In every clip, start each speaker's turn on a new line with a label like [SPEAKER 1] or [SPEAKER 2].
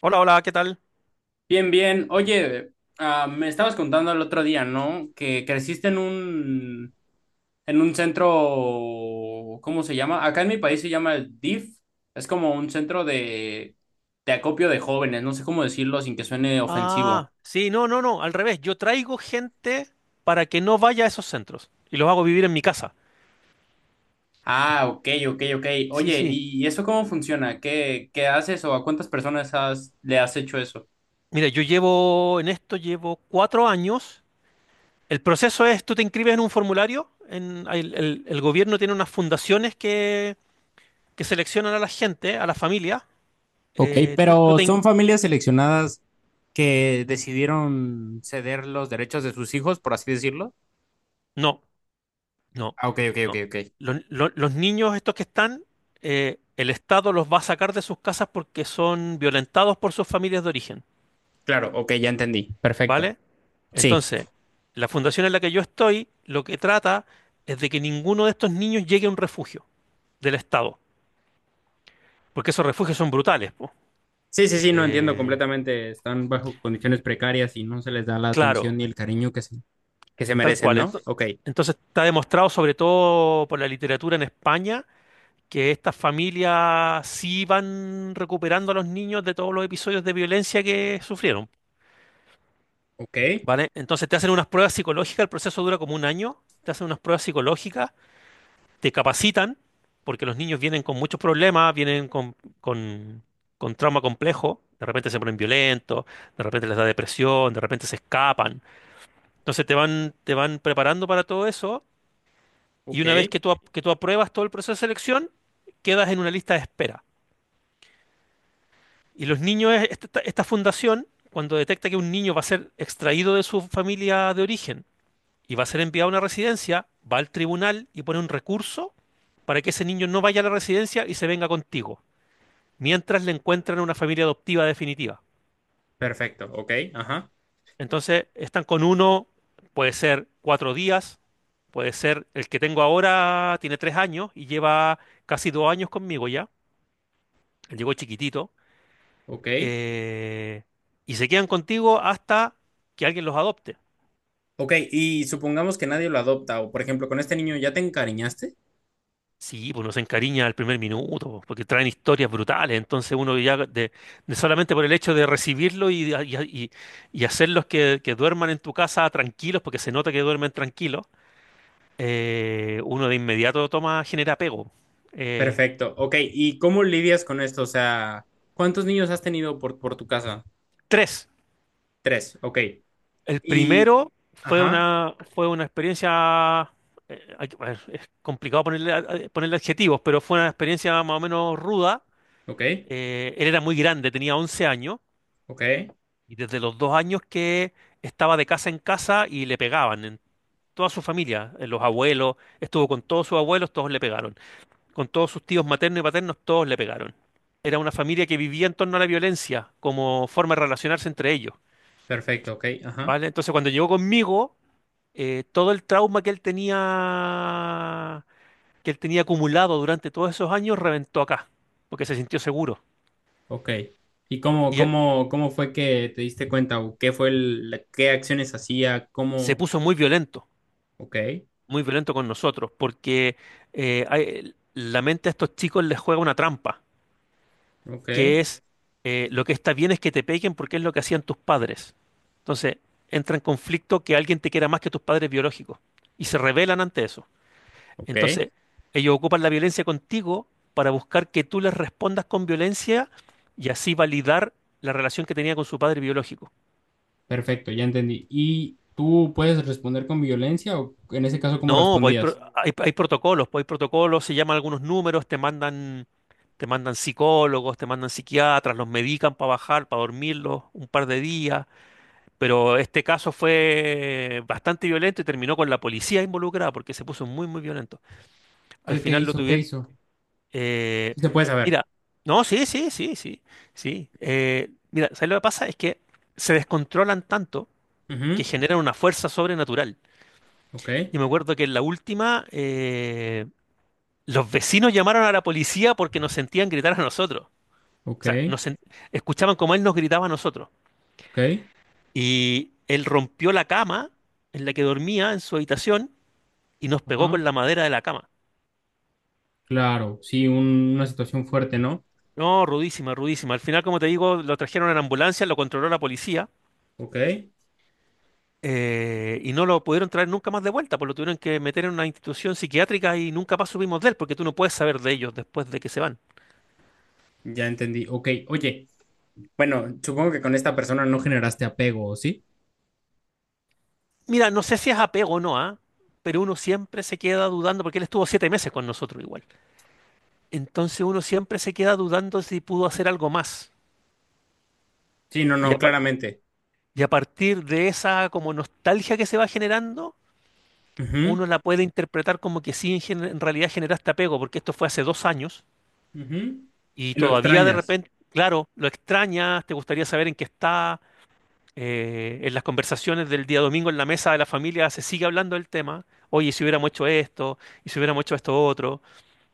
[SPEAKER 1] Hola, hola, ¿qué tal?
[SPEAKER 2] Bien, bien. Oye, me estabas contando el otro día, ¿no? Que creciste en en un centro, ¿cómo se llama? Acá en mi país se llama el DIF. Es como un centro de acopio de jóvenes, no sé cómo decirlo sin que suene ofensivo.
[SPEAKER 1] Ah, sí, no, no, no, al revés. Yo traigo gente para que no vaya a esos centros y los hago vivir en mi casa.
[SPEAKER 2] Ah, ok, ok, ok.
[SPEAKER 1] Sí,
[SPEAKER 2] Oye,
[SPEAKER 1] sí.
[SPEAKER 2] ¿y eso cómo funciona? ¿Qué haces o a cuántas personas has, le has hecho eso?
[SPEAKER 1] Mira, yo llevo, en esto llevo 4 años. El proceso es, tú te inscribes en un formulario, el gobierno tiene unas fundaciones que seleccionan a la gente, a la familia.
[SPEAKER 2] Ok,
[SPEAKER 1] Tú
[SPEAKER 2] pero
[SPEAKER 1] te
[SPEAKER 2] son
[SPEAKER 1] in-
[SPEAKER 2] familias seleccionadas que decidieron ceder los derechos de sus hijos, por así decirlo.
[SPEAKER 1] No, no,
[SPEAKER 2] Ah, ok, ok, ok,
[SPEAKER 1] no.
[SPEAKER 2] ok.
[SPEAKER 1] Los niños estos que están, el Estado los va a sacar de sus casas porque son violentados por sus familias de origen.
[SPEAKER 2] Claro, ok, ya entendí. Perfecto.
[SPEAKER 1] ¿Vale?
[SPEAKER 2] Sí.
[SPEAKER 1] Entonces, la fundación en la que yo estoy, lo que trata es de que ninguno de estos niños llegue a un refugio del Estado, porque esos refugios son brutales, po.
[SPEAKER 2] Sí, sí, sí, no entiendo
[SPEAKER 1] Eh,
[SPEAKER 2] completamente. Están bajo condiciones precarias y no se les da la
[SPEAKER 1] claro,
[SPEAKER 2] atención ni el cariño que se
[SPEAKER 1] tal
[SPEAKER 2] merecen,
[SPEAKER 1] cual.
[SPEAKER 2] ¿no? Ok,
[SPEAKER 1] Entonces, está demostrado, sobre todo por la literatura en España, que estas familias sí van recuperando a los niños de todos los episodios de violencia que sufrieron.
[SPEAKER 2] ok,
[SPEAKER 1] ¿Vale? Entonces, te hacen unas pruebas psicológicas, el proceso dura como un año, te hacen unas pruebas psicológicas, te capacitan, porque los niños vienen con muchos problemas, vienen con, con, con, trauma complejo, de repente se ponen violentos, de repente les da depresión, de repente se escapan. Entonces te van preparando para todo eso y
[SPEAKER 2] ok,
[SPEAKER 1] una vez que tú apruebas todo el proceso de selección, quedas en una lista de espera. Y los niños, esta fundación, cuando detecta que un niño va a ser extraído de su familia de origen y va a ser enviado a una residencia, va al tribunal y pone un recurso para que ese niño no vaya a la residencia y se venga contigo, mientras le encuentran una familia adoptiva definitiva.
[SPEAKER 2] perfecto, ok, ajá,
[SPEAKER 1] Entonces están con uno, puede ser 4 días, puede ser, el que tengo ahora tiene 3 años y lleva casi 2 años conmigo ya, él llegó chiquitito,
[SPEAKER 2] ok,
[SPEAKER 1] eh, y se quedan contigo hasta que alguien los adopte.
[SPEAKER 2] ok. Y supongamos que nadie lo adopta o, por ejemplo, con este niño ya te encariñaste.
[SPEAKER 1] Sí, pues uno se encariña al primer minuto, po, porque traen historias brutales, entonces uno ya de solamente por el hecho de recibirlo y- y hacerlos que duerman en tu casa tranquilos, porque se nota que duermen tranquilos. Uno de inmediato toma, genera apego. Eh,
[SPEAKER 2] Perfecto, ok. ¿Y cómo lidias con esto? O sea, ¿cuántos niños has tenido por tu casa?
[SPEAKER 1] tres.
[SPEAKER 2] Tres, ok.
[SPEAKER 1] El
[SPEAKER 2] Y,
[SPEAKER 1] primero
[SPEAKER 2] ajá,
[SPEAKER 1] fue una experiencia. A ver, es complicado ponerle, ponerle adjetivos, pero fue una experiencia más o menos ruda.
[SPEAKER 2] ok,
[SPEAKER 1] Él era muy grande, tenía 11 años,
[SPEAKER 2] ok,
[SPEAKER 1] y desde los 2 años que estaba de casa en casa y le pegaban en toda su familia, en los abuelos, estuvo con todos sus abuelos, todos le pegaron. Con todos sus tíos maternos y paternos, todos le pegaron. Era una familia que vivía en torno a la violencia como forma de relacionarse entre ellos.
[SPEAKER 2] perfecto, ok, ajá.
[SPEAKER 1] ¿Vale? Entonces cuando llegó conmigo, todo el trauma que él tenía acumulado durante todos esos años, reventó acá, porque se sintió seguro.
[SPEAKER 2] Ok. ¿Y
[SPEAKER 1] Y
[SPEAKER 2] cómo fue que te diste cuenta? ¿O qué fue qué acciones hacía?
[SPEAKER 1] se
[SPEAKER 2] ¿Cómo?
[SPEAKER 1] puso
[SPEAKER 2] Ok,
[SPEAKER 1] muy violento con nosotros, porque la mente a estos chicos les juega una trampa.
[SPEAKER 2] ok,
[SPEAKER 1] Que es lo que está bien es que te peguen porque es lo que hacían tus padres. Entonces, entra en conflicto que alguien te quiera más que tus padres biológicos y se rebelan ante eso.
[SPEAKER 2] ok.
[SPEAKER 1] Entonces, ellos ocupan la violencia contigo para buscar que tú les respondas con violencia y así validar la relación que tenía con su padre biológico.
[SPEAKER 2] Perfecto, ya entendí. ¿Y tú puedes responder con violencia o en ese caso cómo
[SPEAKER 1] No, pues
[SPEAKER 2] respondías?
[SPEAKER 1] hay protocolos, pues hay protocolos, se llaman algunos números, te mandan psicólogos, te mandan psiquiatras, los medican para bajar, para dormirlos un par de días. Pero este caso fue bastante violento y terminó con la policía involucrada porque se puso muy, muy violento. Al
[SPEAKER 2] ¿Qué
[SPEAKER 1] final lo
[SPEAKER 2] hizo? ¿Qué
[SPEAKER 1] tuvieron...
[SPEAKER 2] hizo?
[SPEAKER 1] eh,
[SPEAKER 2] Sí, se puede saber.
[SPEAKER 1] mira, no, sí, sí, sí, sí, sí. Mira, ¿sabes lo que pasa? Es que se descontrolan tanto que
[SPEAKER 2] Ujú,
[SPEAKER 1] generan una fuerza sobrenatural.
[SPEAKER 2] ok,
[SPEAKER 1] Y me acuerdo que en la última, los vecinos llamaron a la policía porque nos sentían gritar a nosotros. O
[SPEAKER 2] ok,
[SPEAKER 1] sea, escuchaban como él nos gritaba a nosotros.
[SPEAKER 2] ok.
[SPEAKER 1] Y él rompió la cama en la que dormía en su habitación y nos pegó
[SPEAKER 2] Ajá.
[SPEAKER 1] con la madera de la cama.
[SPEAKER 2] Claro, sí, una situación fuerte, ¿no?
[SPEAKER 1] No, rudísima, rudísima. Al final, como te digo, lo trajeron en ambulancia, lo controló la policía,
[SPEAKER 2] Ok,
[SPEAKER 1] y no lo pudieron traer nunca más de vuelta, pues lo tuvieron que meter en una institución psiquiátrica y nunca más supimos de él, porque tú no puedes saber de ellos después de que se van.
[SPEAKER 2] ya entendí. Ok, oye, bueno, supongo que con esta persona no generaste apego, ¿o sí?
[SPEAKER 1] Mira, no sé si es apego o no, ¿ah? Pero uno siempre se queda dudando, porque él estuvo 7 meses con nosotros igual. Entonces uno siempre se queda dudando si pudo hacer algo más.
[SPEAKER 2] Sí, no,
[SPEAKER 1] Y
[SPEAKER 2] no,
[SPEAKER 1] a, pa-
[SPEAKER 2] claramente.
[SPEAKER 1] y a partir de esa como nostalgia que se va generando,
[SPEAKER 2] Ujú.
[SPEAKER 1] uno la puede interpretar como que sí, en realidad generaste apego, porque esto fue hace 2 años
[SPEAKER 2] Ujú.
[SPEAKER 1] y
[SPEAKER 2] Lo
[SPEAKER 1] todavía de
[SPEAKER 2] extrañas.
[SPEAKER 1] repente, claro, lo extrañas, te gustaría saber en qué está, en las conversaciones del día domingo en la mesa de la familia se sigue hablando del tema, oye, si hubiéramos hecho esto, y si hubiéramos hecho esto otro.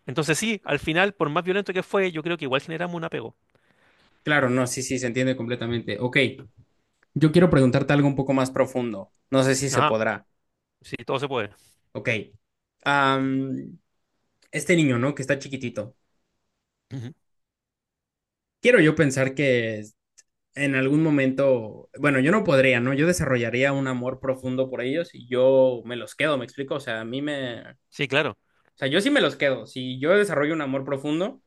[SPEAKER 1] Entonces sí, al final, por más violento que fue, yo creo que igual generamos un apego.
[SPEAKER 2] Claro, no, sí, sí, se entiende completamente. Ok, yo quiero preguntarte algo un poco más profundo. No sé si se
[SPEAKER 1] Ajá,
[SPEAKER 2] podrá.
[SPEAKER 1] sí, todo se puede.
[SPEAKER 2] Ok. Am, este niño, ¿no? Que está chiquitito.
[SPEAKER 1] Ujú.
[SPEAKER 2] Quiero yo pensar que en algún momento, bueno, yo no podría, ¿no? Yo desarrollaría un amor profundo por ellos y yo me los quedo, ¿me explico? O sea, a mí me... O
[SPEAKER 1] Sí, claro,
[SPEAKER 2] sea, yo sí me los quedo. Si yo desarrollo un amor profundo,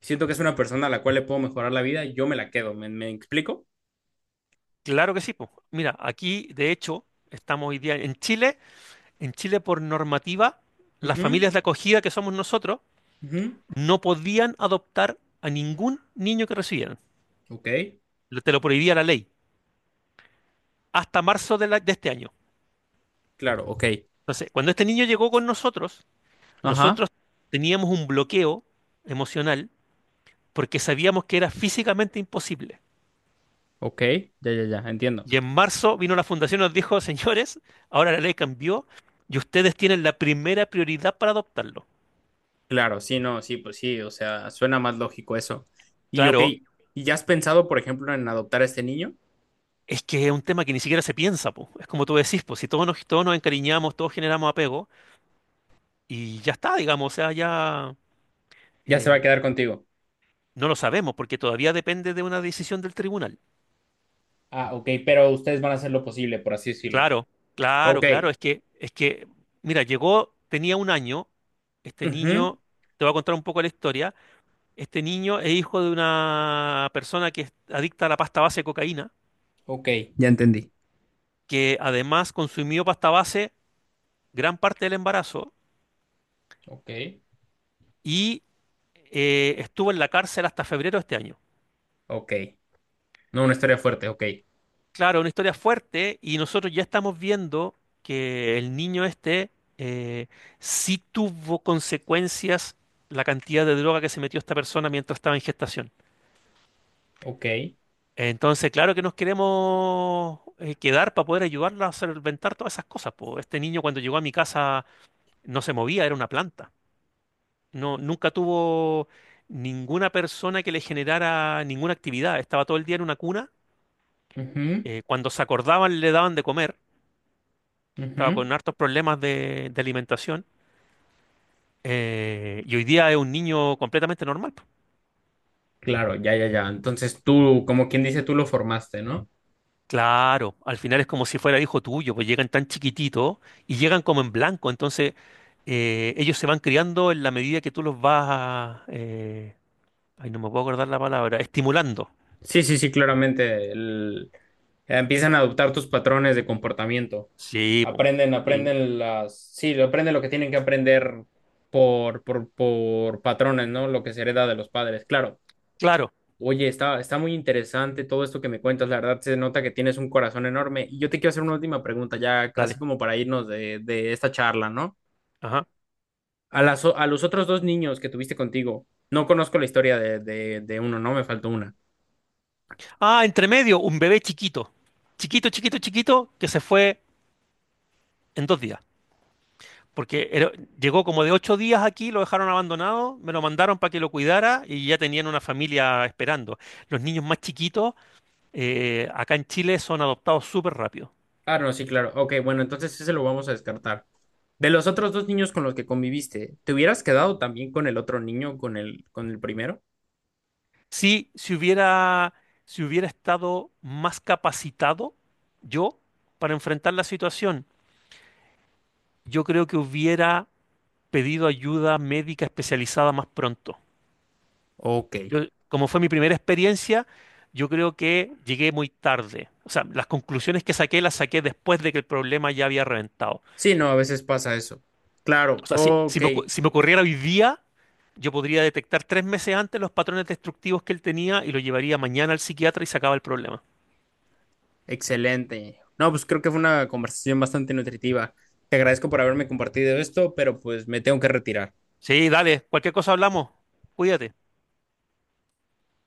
[SPEAKER 2] siento que es una persona a la cual le puedo mejorar la vida, yo me la quedo, ¿me explico?
[SPEAKER 1] claro que sí, po. Mira, aquí, de hecho, estamos hoy día en Chile. En Chile, por normativa, las
[SPEAKER 2] Ujú,
[SPEAKER 1] familias de acogida que somos nosotros
[SPEAKER 2] ujú.
[SPEAKER 1] no podían adoptar a ningún niño que recibieran.
[SPEAKER 2] Ok.
[SPEAKER 1] Te lo prohibía la ley hasta marzo de, de este año.
[SPEAKER 2] Claro, ok.
[SPEAKER 1] Entonces, cuando este niño llegó con nosotros,
[SPEAKER 2] Ajá,
[SPEAKER 1] nosotros teníamos un bloqueo emocional porque sabíamos que era físicamente imposible.
[SPEAKER 2] ok, ya, ya, ya, entiendo.
[SPEAKER 1] Y en marzo vino la fundación y nos dijo, señores, ahora la ley cambió y ustedes tienen la primera prioridad para adoptarlo.
[SPEAKER 2] Claro, sí, no, sí, pues sí, o sea, suena más lógico eso. Y ok,
[SPEAKER 1] Claro.
[SPEAKER 2] ¿y ya has pensado, por ejemplo, en adoptar a este niño?
[SPEAKER 1] Es que es un tema que ni siquiera se piensa, po. Es como tú decís, pues si todos nos, todos nos encariñamos, todos generamos apego y ya está, digamos, o sea, ya
[SPEAKER 2] Ya se va a
[SPEAKER 1] eh,
[SPEAKER 2] quedar contigo.
[SPEAKER 1] no lo sabemos porque todavía depende de una decisión del tribunal.
[SPEAKER 2] Ah, ok, pero ustedes van a hacer lo posible, por así decirlo.
[SPEAKER 1] Claro, claro,
[SPEAKER 2] Ok.
[SPEAKER 1] claro, es que, mira, llegó, tenía 1 año, este
[SPEAKER 2] Ujú,
[SPEAKER 1] niño, te voy a contar un poco la historia, este niño es hijo de una persona que es adicta a la pasta base de cocaína,
[SPEAKER 2] ok. Ya entendí.
[SPEAKER 1] que además consumió pasta base gran parte del embarazo.
[SPEAKER 2] Ok.
[SPEAKER 1] Y estuvo en la cárcel hasta febrero de este año.
[SPEAKER 2] Ok. No, una historia fuerte, ok.
[SPEAKER 1] Claro, una historia fuerte y nosotros ya estamos viendo que el niño este eh, sí tuvo consecuencias la cantidad de droga que se metió esta persona mientras estaba en gestación.
[SPEAKER 2] Ok.
[SPEAKER 1] Entonces, claro que nos queremos quedar para poder ayudarla a solventar todas esas cosas, po. Este niño cuando llegó a mi casa no se movía, era una planta. No, nunca tuvo ninguna persona que le generara ninguna actividad. Estaba todo el día en una cuna,
[SPEAKER 2] Ujú,
[SPEAKER 1] cuando se acordaban le daban de comer, estaba
[SPEAKER 2] ujú.
[SPEAKER 1] con hartos problemas de alimentación, y hoy día es un niño completamente normal, po.
[SPEAKER 2] Claro, ya, ya, ya. Entonces tú, como quien dice, tú lo formaste, ¿no?
[SPEAKER 1] Claro, al final es como si fuera hijo tuyo, pues llegan tan chiquititos y llegan como en blanco, entonces ellos se van criando en la medida que tú los vas, ay, no me puedo acordar la palabra, estimulando.
[SPEAKER 2] Sí, sí, sí, claramente. Empiezan a adoptar tus patrones de comportamiento.
[SPEAKER 1] Sí, po,
[SPEAKER 2] Aprenden,
[SPEAKER 1] sí.
[SPEAKER 2] aprenden las, sí, aprenden lo que tienen que aprender por patrones, ¿no? Lo que se hereda de los padres. Claro.
[SPEAKER 1] Claro,
[SPEAKER 2] Oye, está muy interesante todo esto que me cuentas. La verdad se nota que tienes un corazón enorme. Y yo te quiero hacer una última pregunta, ya así
[SPEAKER 1] dale.
[SPEAKER 2] como para irnos de esta charla, ¿no?
[SPEAKER 1] Ajá.
[SPEAKER 2] A los otros dos niños que tuviste contigo, no conozco la historia de uno, ¿no? Me faltó una.
[SPEAKER 1] Ah, entre medio, un bebé chiquito, chiquito, chiquito, chiquito, que se fue en 2 días. Porque era- llegó como de 8 días aquí, lo dejaron abandonado, me lo mandaron para que lo cuidara y ya tenían una familia esperando. Los niños más chiquitos, acá en Chile son adoptados súper rápido.
[SPEAKER 2] Ah, no, sí, claro. Ok, bueno, entonces ese lo vamos a descartar. De los otros dos niños con los que conviviste, ¿te hubieras quedado también con el otro niño, con el primero?
[SPEAKER 1] Sí, si hubiera estado más capacitado yo para enfrentar la situación, yo creo que hubiera pedido ayuda médica especializada más pronto.
[SPEAKER 2] Ok.
[SPEAKER 1] Como fue mi primera experiencia, yo creo que llegué muy tarde. O sea, las conclusiones que saqué las saqué después de que el problema ya había reventado.
[SPEAKER 2] Sí, no, a veces pasa eso.
[SPEAKER 1] O
[SPEAKER 2] Claro,
[SPEAKER 1] sea, si, si
[SPEAKER 2] ok,
[SPEAKER 1] me, ocu- si me ocurriera hoy día, yo podría detectar 3 meses antes los patrones destructivos que él tenía y lo llevaría mañana al psiquiatra y sacaba el problema.
[SPEAKER 2] excelente. No, pues creo que fue una conversación bastante nutritiva. Te agradezco por haberme compartido esto, pero pues me tengo que retirar.
[SPEAKER 1] Sí, dale, cualquier cosa hablamos. Cuídate.